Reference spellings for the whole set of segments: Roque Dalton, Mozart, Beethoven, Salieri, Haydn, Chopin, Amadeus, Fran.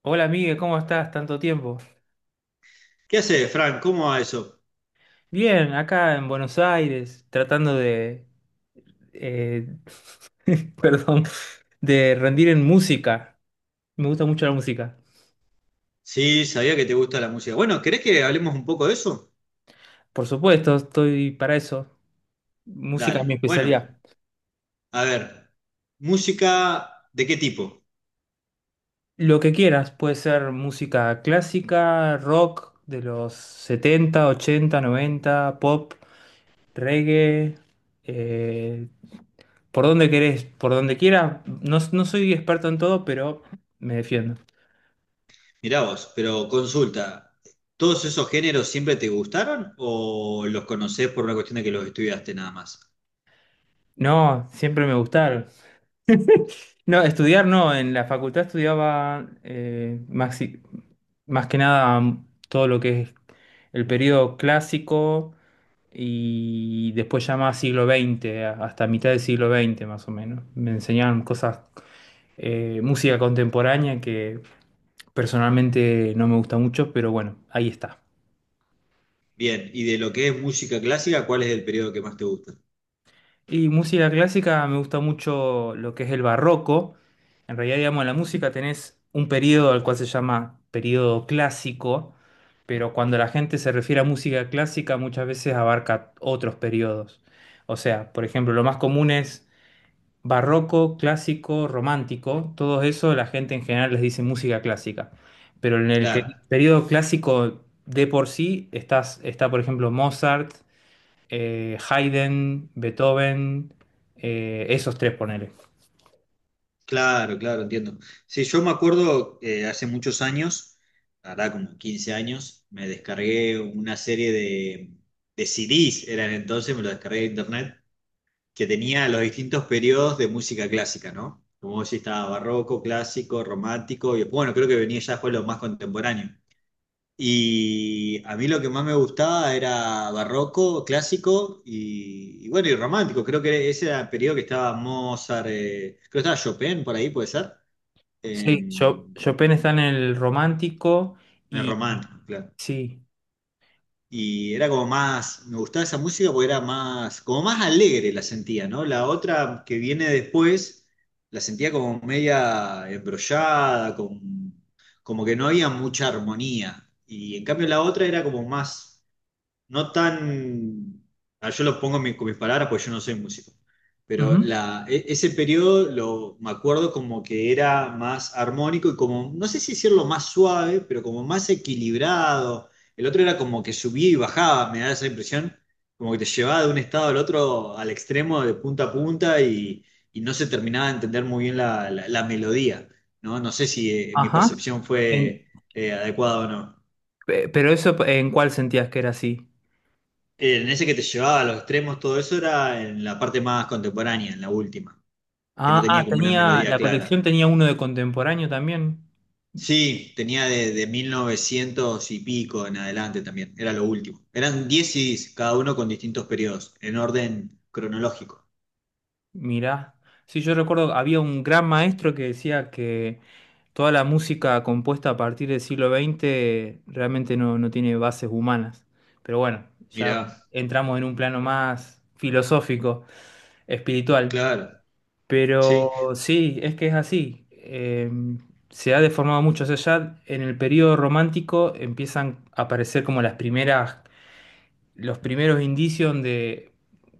Hola Miguel, ¿cómo estás? Tanto tiempo. ¿Qué haces, Fran? ¿Cómo va eso? Bien, acá en Buenos Aires, tratando de, eh, perdón, de rendir en música. Me gusta mucho la música. Sí, sabía que te gusta la música. Bueno, ¿querés que hablemos un poco de eso? Por supuesto, estoy para eso. Música es mi Dale. Bueno, especialidad. a ver, ¿música de qué tipo? Lo que quieras, puede ser música clásica, rock de los 70, 80, 90, pop, reggae, eh, por donde querés, por donde quieras. No, no soy experto en todo, pero me defiendo. Mirá vos, pero consulta, ¿todos esos géneros siempre te gustaron o los conocés por una cuestión de que los estudiaste nada más? No, siempre me gustaron. No, estudiar no, en la facultad estudiaba más que nada, todo lo que es el periodo clásico y después ya más siglo XX, hasta mitad del siglo XX más o menos. Me enseñaban cosas, música contemporánea que personalmente no me gusta mucho, pero bueno, ahí está. Bien, y de lo que es música clásica, ¿cuál es el periodo que más te gusta? Y música clásica, me gusta mucho lo que es el barroco. En realidad, digamos, en la música tenés un periodo al cual se llama periodo clásico, pero cuando la gente se refiere a música clásica muchas veces abarca otros periodos. O sea, por ejemplo, lo más común es barroco, clásico, romántico. Todo eso la gente en general les dice música clásica. Pero en Claro. periodo clásico de por sí está, por ejemplo, Mozart, Haydn, Beethoven, esos tres, ponele. Claro, claro, entiendo. Sí, yo me acuerdo, hace muchos años, hará como 15 años, me descargué una serie de CDs, eran entonces, me lo descargué de internet, que tenía los distintos periodos de música clásica, ¿no? Como vos decís, estaba barroco, clásico, romántico, y después, bueno, creo que venía ya fue lo más contemporáneo. Y a mí lo que más me gustaba era barroco, clásico y bueno, y romántico. Creo que ese era el periodo que estaba Mozart, creo que estaba Chopin por ahí, ¿puede ser? Sí, en, Chopin está en el romántico. en el Y romántico, claro. sí. Y era como más, me gustaba esa música porque era más, como más alegre la sentía, ¿no? La otra que viene después, la sentía como media embrollada, con, como que no había mucha armonía. Y en cambio la otra era como más no tan, yo lo pongo con mis palabras, porque yo no soy músico, pero Ujú. Ese periodo me acuerdo como que era más armónico y, como, no sé si decirlo más suave, pero como más equilibrado. El otro era como que subía y bajaba, me da esa impresión, como que te llevaba de un estado al otro, al extremo, de punta a punta, y no se terminaba de entender muy bien la melodía, ¿no? No sé si mi Ajá. percepción En- fue adecuada o no. Pero eso, ¿en cuál sentías que era así? En ese que te llevaba a los extremos, todo eso era en la parte más contemporánea, en la última, que no Ah, ah, tenía como una tenía, melodía la colección clara. tenía uno de contemporáneo también. Sí, tenía de 1900 y pico en adelante también, era lo último. Eran 10 CDs, cada uno con distintos periodos, en orden cronológico. Mirá, sí, yo recuerdo, había un gran maestro que decía que toda la música compuesta a partir del siglo XX realmente no, no tiene bases humanas. Pero bueno, ya Mirá, entramos en un plano más filosófico, espiritual. claro, sí. Pero sí, es que es así. Se ha deformado mucho. O sea, ya en el periodo romántico empiezan a aparecer como las primeras los primeros indicios donde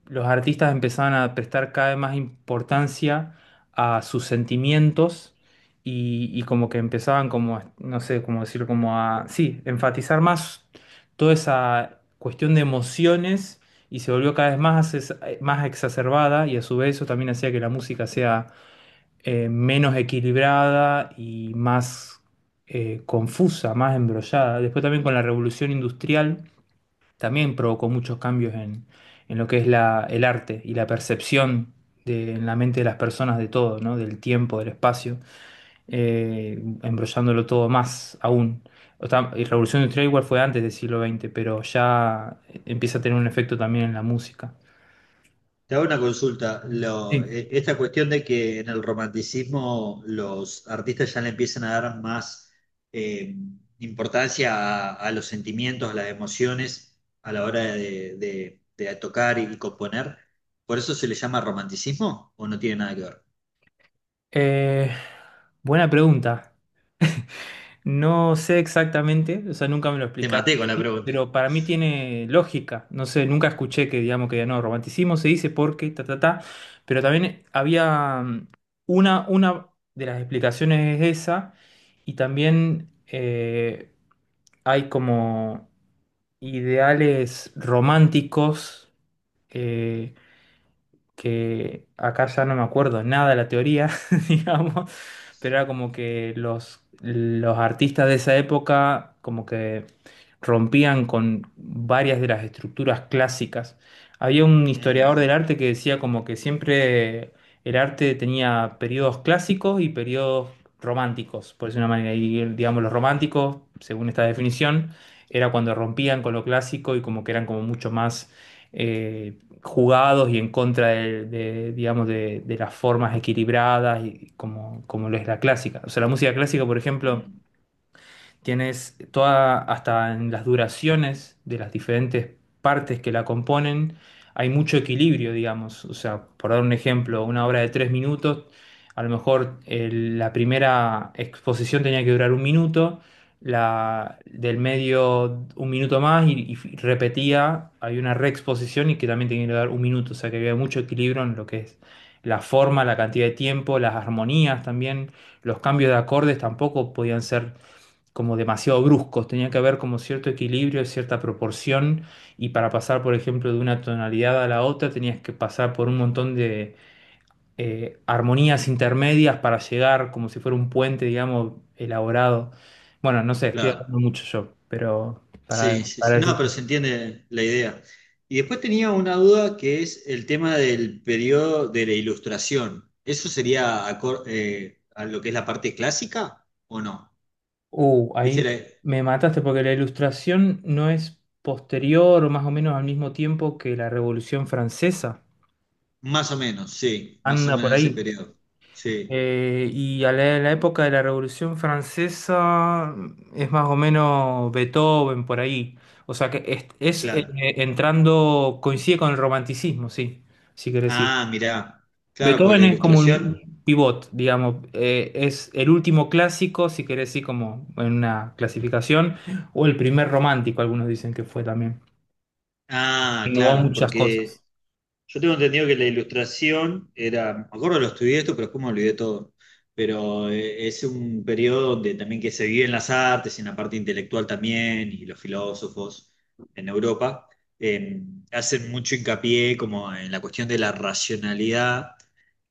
los artistas empezaban a prestar cada vez más importancia a sus sentimientos y como que empezaban como, no sé cómo decirlo, como a, sí, enfatizar más toda esa cuestión de emociones, y se volvió cada vez más, más exacerbada, y a su vez eso también hacía que la música sea menos equilibrada y más, confusa, más embrollada. Después también con la revolución industrial, también provocó muchos cambios en lo que es la, el arte y la percepción de, en la mente de las personas de todo, ¿no? Del tiempo, del espacio, embrollándolo todo más aún. O sea, y Revolución Industrial igual fue antes del siglo XX, pero ya empieza a tener un efecto también en la música. Te hago una consulta. Lo- Sí. e- esta cuestión de que en el romanticismo los artistas ya le empiezan a dar más eh, importancia a los sentimientos, a las emociones a la hora de tocar y componer, ¿por eso se le llama romanticismo o no tiene nada que ver? Eh, buena pregunta. No sé exactamente, o sea, nunca me lo Te explicaron maté con la así, pregunta. pero para mí tiene lógica. No sé, nunca escuché que, digamos, que no, romanticismo se dice porque, ta, ta, ta, pero también había, una de las explicaciones es esa, y también hay como ideales románticos. Eh, que acá ya no me acuerdo nada de la teoría, digamos, pero era como que los artistas de esa época como que rompían con varias de las estructuras clásicas. Había un Mm, historiador del arte que decía como que siempre el arte tenía periodos clásicos y periodos románticos, por decirlo de una manera, y digamos los románticos, según esta definición, era cuando rompían con lo clásico y como que eran como mucho más eh, jugados y en contra de, digamos, de las formas equilibradas y como, como lo es la clásica. O sea, la música clásica, por ejemplo, mm, tienes toda, hasta en las duraciones de las diferentes partes que la componen, hay mucho equilibrio, digamos. O sea, por dar un ejemplo, una obra de tres minutos, a lo mejor la primera exposición tenía que durar un minuto, la del medio un minuto más, y repetía, hay una reexposición y que también tenía que durar un minuto. O sea, que había mucho equilibrio en lo que es la forma, la cantidad de tiempo, las armonías también, los cambios de acordes tampoco podían ser como demasiado bruscos, tenía que haber como cierto equilibrio, cierta proporción, y para pasar, por ejemplo, de una tonalidad a la otra, tenías que pasar por un montón de armonías intermedias para llegar como si fuera un puente, digamos, elaborado. Bueno, no sé, estoy hablando claro. mucho yo, pero Sí, sí, para sí. No, pero decirte. se entiende la idea. Y después tenía una duda que es el tema del periodo de la ilustración. ¿Eso sería a lo que es la parte clásica o no? Ahí ¿Viste? Me mataste porque la ilustración no es posterior o más o menos al mismo tiempo que la Revolución Francesa. Más o menos, sí, más o Anda por menos ese ahí. periodo. Sí, Y a la, en la época de la Revolución Francesa, es más o menos Beethoven por ahí. O sea que es, claro. entrando, coincide con el romanticismo, sí, si querés decir. Ah, mirá. Claro, porque la Beethoven es como ilustración. un pivot, digamos, es el último clásico, si querés decir, como en una clasificación, o el primer romántico, algunos dicen que fue también. Ah, Innovó claro, muchas porque cosas. yo tengo entendido que la ilustración era, me acuerdo lo estudié esto, pero después me olvidé todo. Pero es un periodo donde también que se vive en las artes y en la parte intelectual también, y los filósofos en Europa eh, hacen mucho hincapié como en la cuestión de la racionalidad,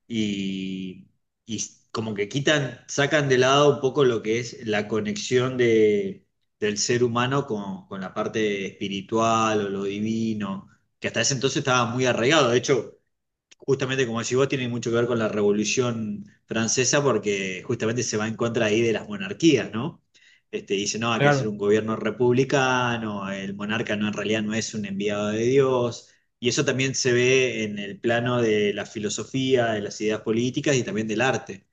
y, y como que quitan, sacan de lado un poco lo que es la conexión del ser humano con la parte espiritual o lo divino, que hasta ese entonces estaba muy arraigado. De hecho, justamente como decís vos, tiene mucho que ver con la Revolución Francesa porque justamente se va en contra ahí de las monarquías, ¿no? Este, dice, no, hay que hacer Claro. un gobierno republicano, el monarca no, en realidad no es un enviado de Dios, y eso también se ve en el plano de la filosofía, de las ideas políticas y también del arte.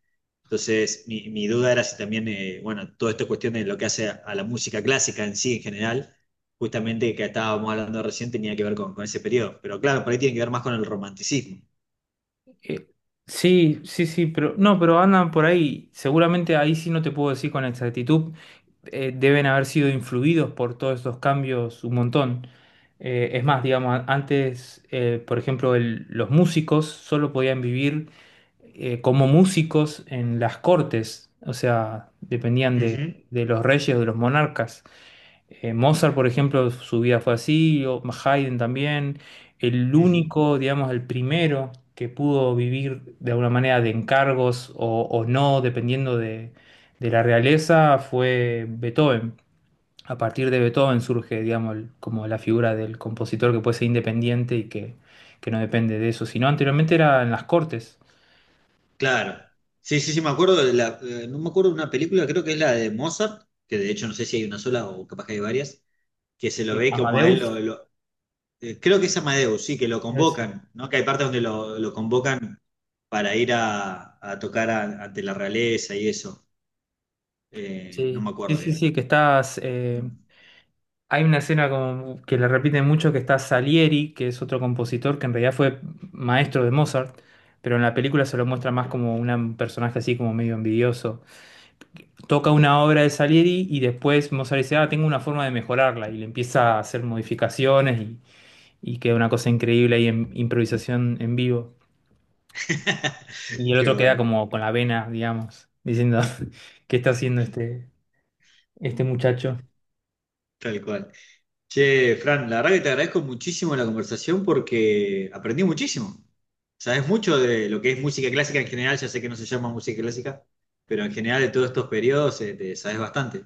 Entonces, mi duda era si también, bueno, toda esta cuestión de lo que hace a la música clásica en sí, en general, justamente que estábamos hablando recién, tenía que ver con ese periodo. Pero claro, por ahí tiene que ver más con el romanticismo. Eh, sí, sí, sí, pero no, pero andan por ahí. Seguramente ahí sí no te puedo decir con exactitud. Eh, deben haber sido influidos por todos estos cambios un montón. Es más, digamos, antes, por ejemplo, los músicos solo podían vivir como músicos en las cortes, o sea, dependían de los reyes o de los monarcas. Mozart, por ejemplo, su vida fue así, o Haydn también. El Ujú. único, digamos, el primero que pudo vivir de alguna manera de encargos o no, dependiendo de la realeza, fue Beethoven. A partir de Beethoven surge, digamos, como la figura del compositor que puede ser independiente y que no depende de eso, sino anteriormente era en las cortes. Claro. Sí, sí, sí, me acuerdo de no me acuerdo de una película, creo que es la de Mozart, que de hecho no sé si hay una sola o capaz que hay varias, que se lo Sí. ve como a él Amadeus. lo, creo que es Amadeus, sí, que lo es- convocan, ¿no? Que hay partes donde lo convocan para ir a tocar ante la realeza y eso. No Sí. me Sí, acuerdo sí, bien. sí, que estás. Mm. Hay una escena como que le repiten mucho que está Salieri, que es otro compositor que en realidad fue maestro de Mozart, pero en la película se lo muestra más como un personaje así como medio envidioso. Toca una obra de Salieri y después Mozart dice, ah, tengo una forma de mejorarla, y le empieza a hacer modificaciones, y queda una cosa increíble ahí en improvisación en vivo. Y el Qué otro queda bueno, como con la vena, digamos, diciendo, ¿qué está haciendo este, este muchacho? tal cual. Che, Fran, la verdad que te agradezco muchísimo la conversación porque aprendí muchísimo. Sabes mucho de lo que es música clásica en general, ya sé que no se llama música clásica, pero en general de todos estos periodos te sabes bastante.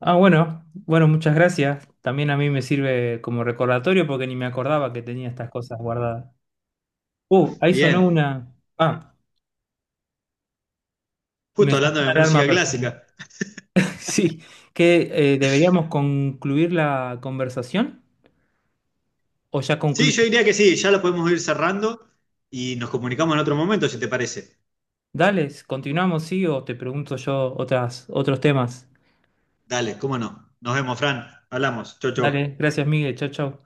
Ah, bueno, bueno, muchas gracias. También a mí me sirve como recordatorio porque ni me acordaba que tenía estas cosas guardadas. Ahí sonó Bien, una... Ah, me justo sonó hablando de una alarma música personal. clásica. Sí, que deberíamos concluir la conversación, o ya Sí, concluye. yo diría que sí, ya lo podemos ir cerrando y nos comunicamos en otro momento, si te parece. Dale, continuamos, sí, o te pregunto yo otras, otros temas. Dale, cómo no. Nos vemos, Fran. Hablamos. Chau, chau. Dale, gracias, Miguel. Chau, chau.